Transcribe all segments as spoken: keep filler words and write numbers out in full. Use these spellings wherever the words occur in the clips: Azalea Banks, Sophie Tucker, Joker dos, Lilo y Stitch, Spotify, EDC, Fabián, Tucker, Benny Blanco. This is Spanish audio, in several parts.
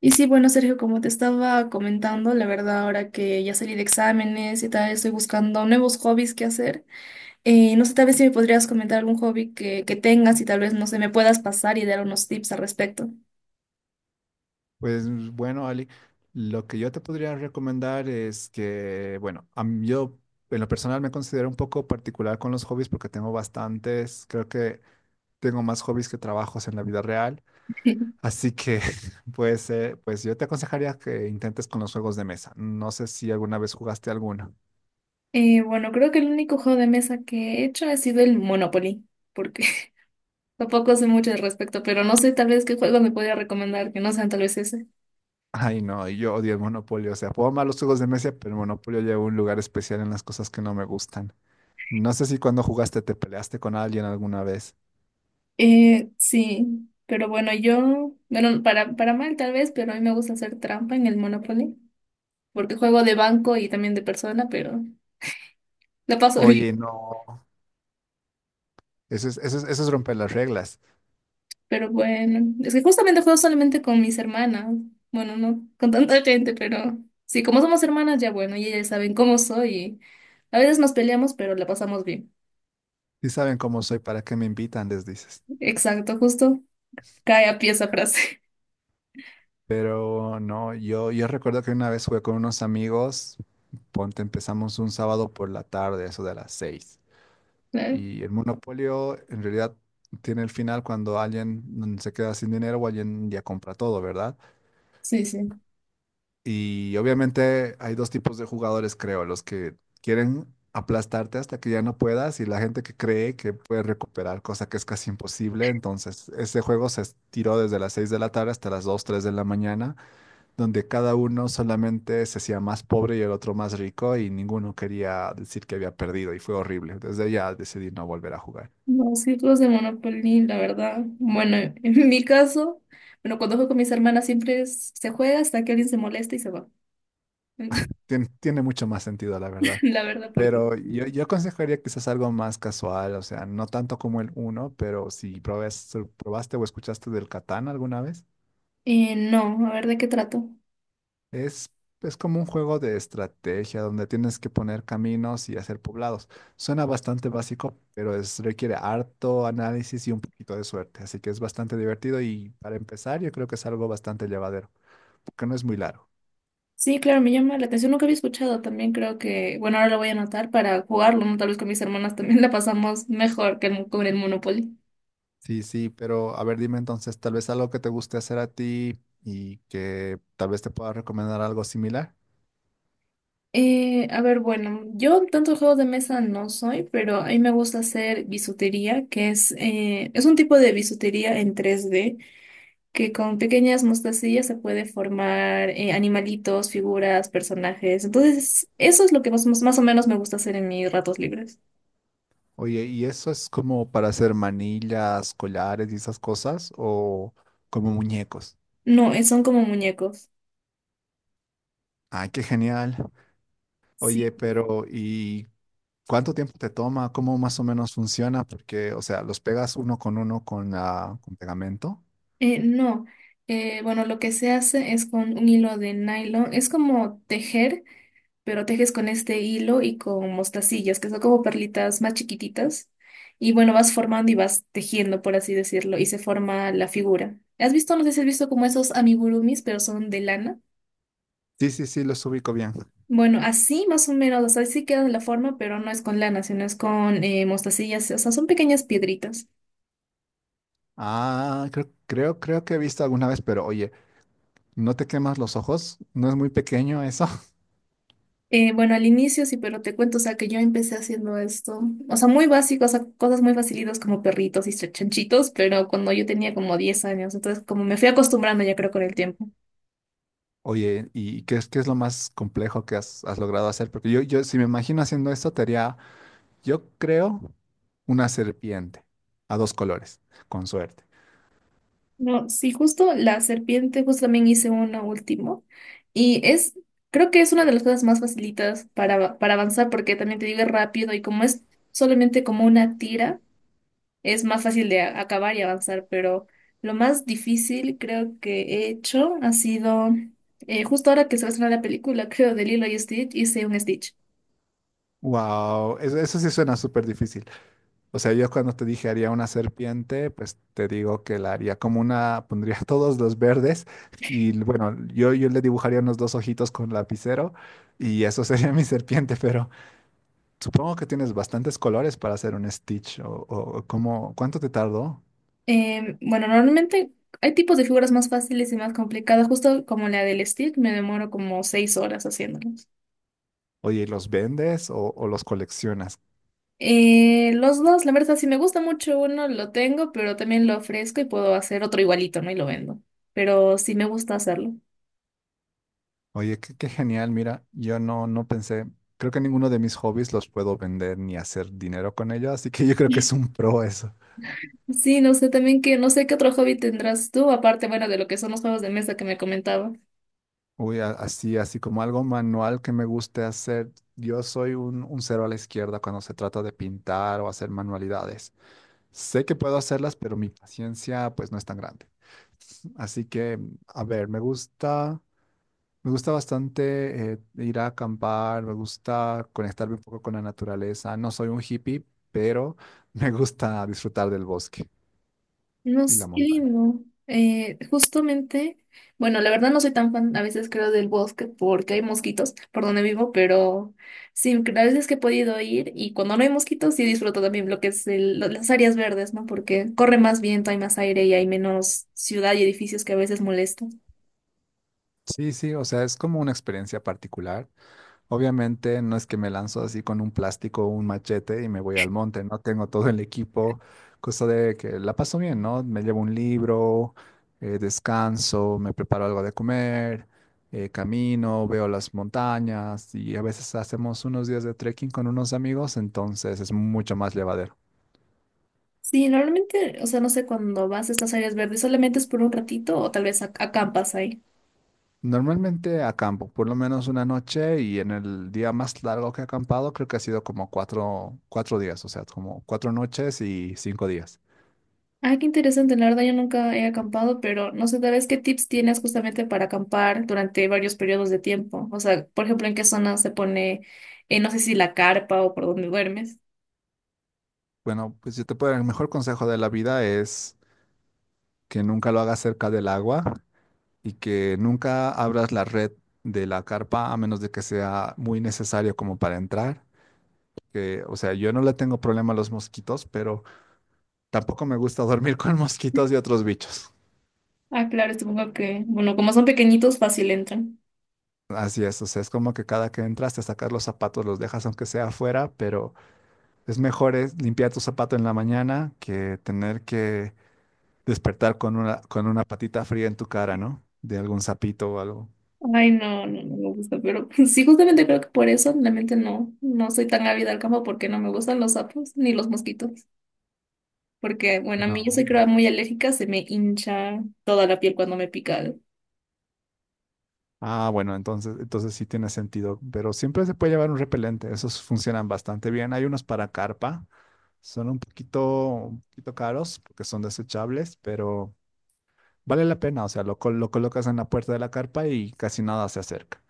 Y sí, bueno, Sergio, como te estaba comentando, la verdad, ahora que ya salí de exámenes y tal, estoy buscando nuevos hobbies que hacer. Eh, no sé, tal vez si me podrías comentar algún hobby que, que tengas y tal vez, no sé, me puedas pasar y dar unos tips al respecto. Pues mm, bueno, Ali, lo que yo te podría recomendar es que, bueno, a mí- yo en lo personal me considero un poco particular con los hobbies porque tengo bastantes, creo que tengo más hobbies que trabajos en la vida real, así que pues, eh, pues yo te aconsejaría que intentes con los juegos de mesa. No sé si alguna vez jugaste alguno. Eh, bueno, creo que el único juego de mesa que he hecho ha sido el Monopoly, porque tampoco sé mucho al respecto, pero no sé tal vez qué juego me podría recomendar, que no sean tal vez ese. Ay, no, yo odio el Monopolio, o sea, puedo amar los juegos de mesa, pero el Monopolio lleva un lugar especial en las cosas que no me gustan. No sé si cuando jugaste te peleaste con alguien alguna vez. Eh, sí, pero bueno, yo, bueno, para, para mal tal vez, pero a mí me gusta hacer trampa en el Monopoly, porque juego de banco y también de persona, pero la paso bien. Oye, no. Eso es, eso es, eso es romper las reglas. Pero bueno, es que justamente juego solamente con mis hermanas. Bueno, no con tanta gente, pero sí, como somos hermanas, ya bueno, y ellas saben cómo soy. Y a veces nos peleamos, pero la pasamos bien. Si saben cómo soy, ¿para qué me invitan? Les dices. Exacto, justo cae a pie esa frase. Pero no, yo, yo recuerdo que una vez jugué con unos amigos, ponte, empezamos un sábado por la tarde, eso de las seis. Claro. Y el monopolio en realidad tiene el final cuando alguien mm, se queda sin dinero o alguien ya compra todo, ¿verdad? Sí, sí. Y obviamente hay dos tipos de jugadores, creo, los que quieren aplastarte hasta que ya no puedas y la gente que cree que puede recuperar, cosa que es casi imposible. Entonces, ese juego se estiró desde las seis de la tarde hasta las dos tres de la mañana, donde cada uno solamente se hacía más pobre y el otro más rico y ninguno quería decir que había perdido y fue horrible. Desde ya decidí no volver a jugar. No, sí, juegos de Monopoly, la verdad. Bueno, en mi caso, bueno, cuando juego con mis hermanas siempre es- se juega hasta que alguien se molesta y se va. Tien- tiene mucho más sentido, la verdad. La verdad, porque. Pero yo, yo aconsejaría quizás algo más casual, o sea, no tanto como el uno, pero si probes- probaste o escuchaste del Catán alguna vez, Eh, no, a ver de qué trato. es, es como un juego de estrategia donde tienes que poner caminos y hacer poblados. Suena bastante básico, pero es, requiere harto análisis y un poquito de suerte, así que es bastante divertido y para empezar yo creo que es algo bastante llevadero, porque no es muy largo. Sí, claro, me llama la atención. Nunca había escuchado también, creo que, bueno, ahora lo voy a anotar para jugarlo, ¿no? Tal vez con mis hermanas también la pasamos mejor que el- con el Monopoly. Sí, sí, pero a ver, dime entonces, tal vez algo que te guste hacer a ti y que tal vez te pueda recomendar algo similar. Eh, a ver, bueno, yo tanto juegos de mesa no soy, pero a mí me gusta hacer bisutería, que es, eh, es un tipo de bisutería en tres D, que con pequeñas mostacillas se puede formar eh, animalitos, figuras, personajes. Entonces, eso es lo que más, más o menos me gusta hacer en mis ratos libres. Oye, ¿y eso es como para hacer manillas, collares y esas cosas o como muñecos? No, eh, son como muñecos. Ay, qué genial. Sí. Oye, pero ¿y cuánto tiempo te toma? ¿Cómo más o menos funciona? Porque, o sea, los pegas uno con uno con la, con pegamento. Eh, no, Eh, bueno, lo que se hace es con un hilo de nylon, es como tejer, pero tejes con este hilo y con mostacillas, que son como perlitas más chiquititas, y bueno, vas formando y vas tejiendo, por así decirlo, y se forma la figura. ¿Has visto? No sé si has visto como esos amigurumis, pero son de lana. Sí, sí, sí, los ubico bien. Bueno, así más o menos, o sea, sí queda la forma, pero no es con lana, sino es con eh, mostacillas, o sea, son pequeñas piedritas. Ah, creo, creo, creo que he visto alguna vez, pero oye, ¿no te quemas los ojos? ¿No es muy pequeño eso? Eh, bueno, al inicio sí, pero te cuento, o sea, que yo empecé haciendo esto, o sea, muy básico, o sea, cosas muy facilitas como perritos y ch- chanchitos, pero cuando yo tenía como diez años, entonces como me fui acostumbrando ya creo con el tiempo. Oye, ¿y qué es, qué es lo más complejo que has, has logrado hacer? Porque yo, yo, si me imagino haciendo esto, te haría, yo creo, una serpiente a dos colores, con suerte. No, sí, justo la serpiente, justo también hice uno último, y es, creo que es una de las cosas más facilitas para, para avanzar, porque también te digo es rápido, y como es solamente como una tira, es más fácil de a- acabar y avanzar, pero lo más difícil creo que he hecho ha sido, eh, justo ahora que se va a estrenar la película, creo, de Lilo y Stitch, hice un Stitch. Wow, eso, eso sí suena súper difícil. O sea, yo cuando te dije haría una serpiente, pues te digo que la haría como una, pondría todos los verdes y bueno, yo, yo le dibujaría unos dos ojitos con lapicero y eso sería mi serpiente, pero supongo que tienes bastantes colores para hacer un Stitch o, o o cómo, ¿cuánto te tardó? Eh, bueno, normalmente hay tipos de figuras más fáciles y más complicadas, justo como la del Stitch, me demoro como seis horas haciéndolos. Oye, ¿y ¿los vendes o, o los coleccionas? Eh, los dos, la verdad, si me gusta mucho uno, lo tengo, pero también lo ofrezco y puedo hacer otro igualito, ¿no? Y lo vendo. Pero sí me gusta hacerlo. Oye, qué, qué genial, mira, yo no, no pensé, creo que ninguno de mis hobbies los puedo vender ni hacer dinero con ellos, así que yo creo que es un pro eso. Sí, no sé también que, no sé qué otro hobby tendrás tú, aparte, bueno, de lo que son los juegos de mesa que me comentaba. Uy, a- así, así como algo manual que me guste hacer, yo soy un, un cero a la izquierda cuando se trata de pintar o hacer manualidades. Sé que puedo hacerlas, pero mi paciencia pues no es tan grande. Así que, a ver, me gusta. Me gusta bastante eh, ir a acampar, me gusta conectarme un poco con la naturaleza. No soy un hippie, pero me gusta disfrutar del bosque No y la sé, qué montaña. lindo. Eh, justamente, bueno, la verdad no soy tan fan, a veces creo, del bosque porque hay mosquitos por donde vivo, pero sí, a veces que he podido ir y cuando no hay mosquitos sí disfruto también lo que es el- lo- las áreas verdes, ¿no? Porque corre más viento, hay más aire y hay menos ciudad y edificios que a veces molestan. Sí, sí, o sea, es como una experiencia particular. Obviamente no es que me lanzo así con un plástico o un machete y me voy al monte, no tengo todo el equipo, cosa de que la paso bien, ¿no? Me llevo un libro, eh, descanso, me preparo algo de comer, eh, camino, veo las montañas y a veces hacemos unos días de trekking con unos amigos, entonces es mucho más llevadero. Sí, normalmente, o sea, no sé, cuando vas a estas áreas verdes, solamente es por un ratito o tal vez ac- acampas ahí. Normalmente acampo por lo menos una noche y en el día más largo que he acampado creo que ha sido como cuatro, cuatro días, o sea, como cuatro noches y cinco días. Ah, qué interesante, la verdad yo nunca he acampado, pero no sé, tal vez qué tips tienes justamente para acampar durante varios periodos de tiempo. O sea, por ejemplo, en qué zona se pone, eh, no sé si la carpa o por dónde duermes. Bueno, pues yo te puedo, el mejor consejo de la vida es que nunca lo hagas cerca del agua y que nunca abras la red de la carpa a menos de que sea muy necesario como para entrar. Que, o sea, yo no le tengo problema a los mosquitos, pero tampoco me gusta dormir con mosquitos y otros bichos. Ah, claro, supongo que, bueno, como son pequeñitos, fácil entran. Así es, o sea, es como que cada que entras te sacas los zapatos, los dejas aunque sea afuera, pero es mejor es limpiar tu zapato en la mañana que tener que despertar con una, con una patita fría en tu cara, ¿no? De algún sapito o algo. Ay, no, no, no me gusta, pero sí, justamente creo que por eso realmente no, no soy tan ávida al campo porque no me gustan los sapos ni los mosquitos. Porque, bueno, a mí yo No. soy creo muy alérgica, se me hincha toda la piel cuando me pica. Ah, bueno, entonces, entonces sí tiene sentido, pero siempre se puede llevar un repelente, esos funcionan bastante bien. Hay unos para carpa, son un poquito, un poquito caros porque son desechables, pero vale la pena, o sea, lo, col- lo colocas en la puerta de la carpa y casi nada se acerca.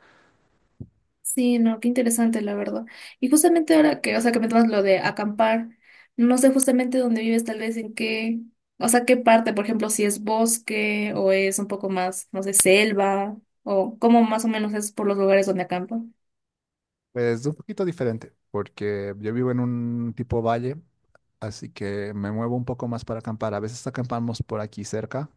Sí, no, qué interesante, la verdad. Y justamente ahora que, o sea, que me tomas lo de acampar, no sé justamente dónde vives, tal vez en qué, o sea, qué parte, por ejemplo, si es bosque o es un poco más, no sé, selva, o cómo más o menos es por los lugares donde acampa. Pues, es un poquito diferente porque yo vivo en un tipo valle, así que me muevo un poco más para acampar. A veces acampamos por aquí cerca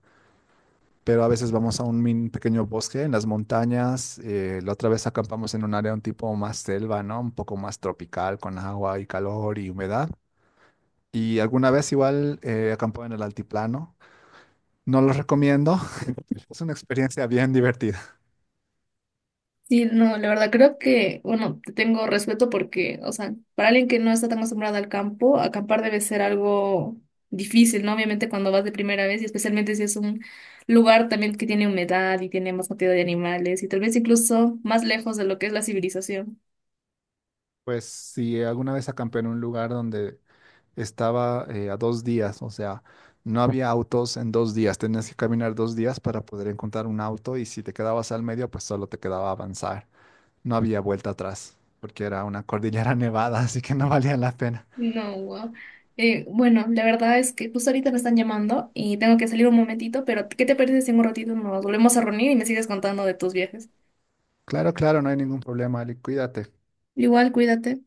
pero a veces vamos a un min- pequeño bosque en las montañas. Eh, la otra vez acampamos en un área un tipo más selva, ¿no? Un poco más tropical, con agua y calor y humedad. Y alguna vez igual eh, acampó en el altiplano. No lo recomiendo. Es una experiencia bien divertida. Sí, no, la verdad creo que, bueno, te tengo respeto porque, o sea, para alguien que no está tan acostumbrada al campo, acampar debe ser algo difícil, ¿no? Obviamente cuando vas de primera vez y especialmente si es un lugar también que tiene humedad y tiene más cantidad de animales y tal vez incluso más lejos de lo que es la civilización. Pues si alguna vez acampé en un lugar donde estaba eh, a dos días, o sea, no había autos en dos días. Tenías que caminar dos días para poder encontrar un auto y si te quedabas al medio, pues solo te quedaba avanzar. No había vuelta atrás, porque era una cordillera nevada, así que no valía la pena. No, wow. Eh, bueno, la verdad es que justo ahorita me están llamando y tengo que salir un momentito, pero ¿qué te parece si en un ratito nos volvemos a reunir y me sigues contando de tus viajes? Claro, claro, no hay ningún problema, Ali, cuídate. Igual, cuídate.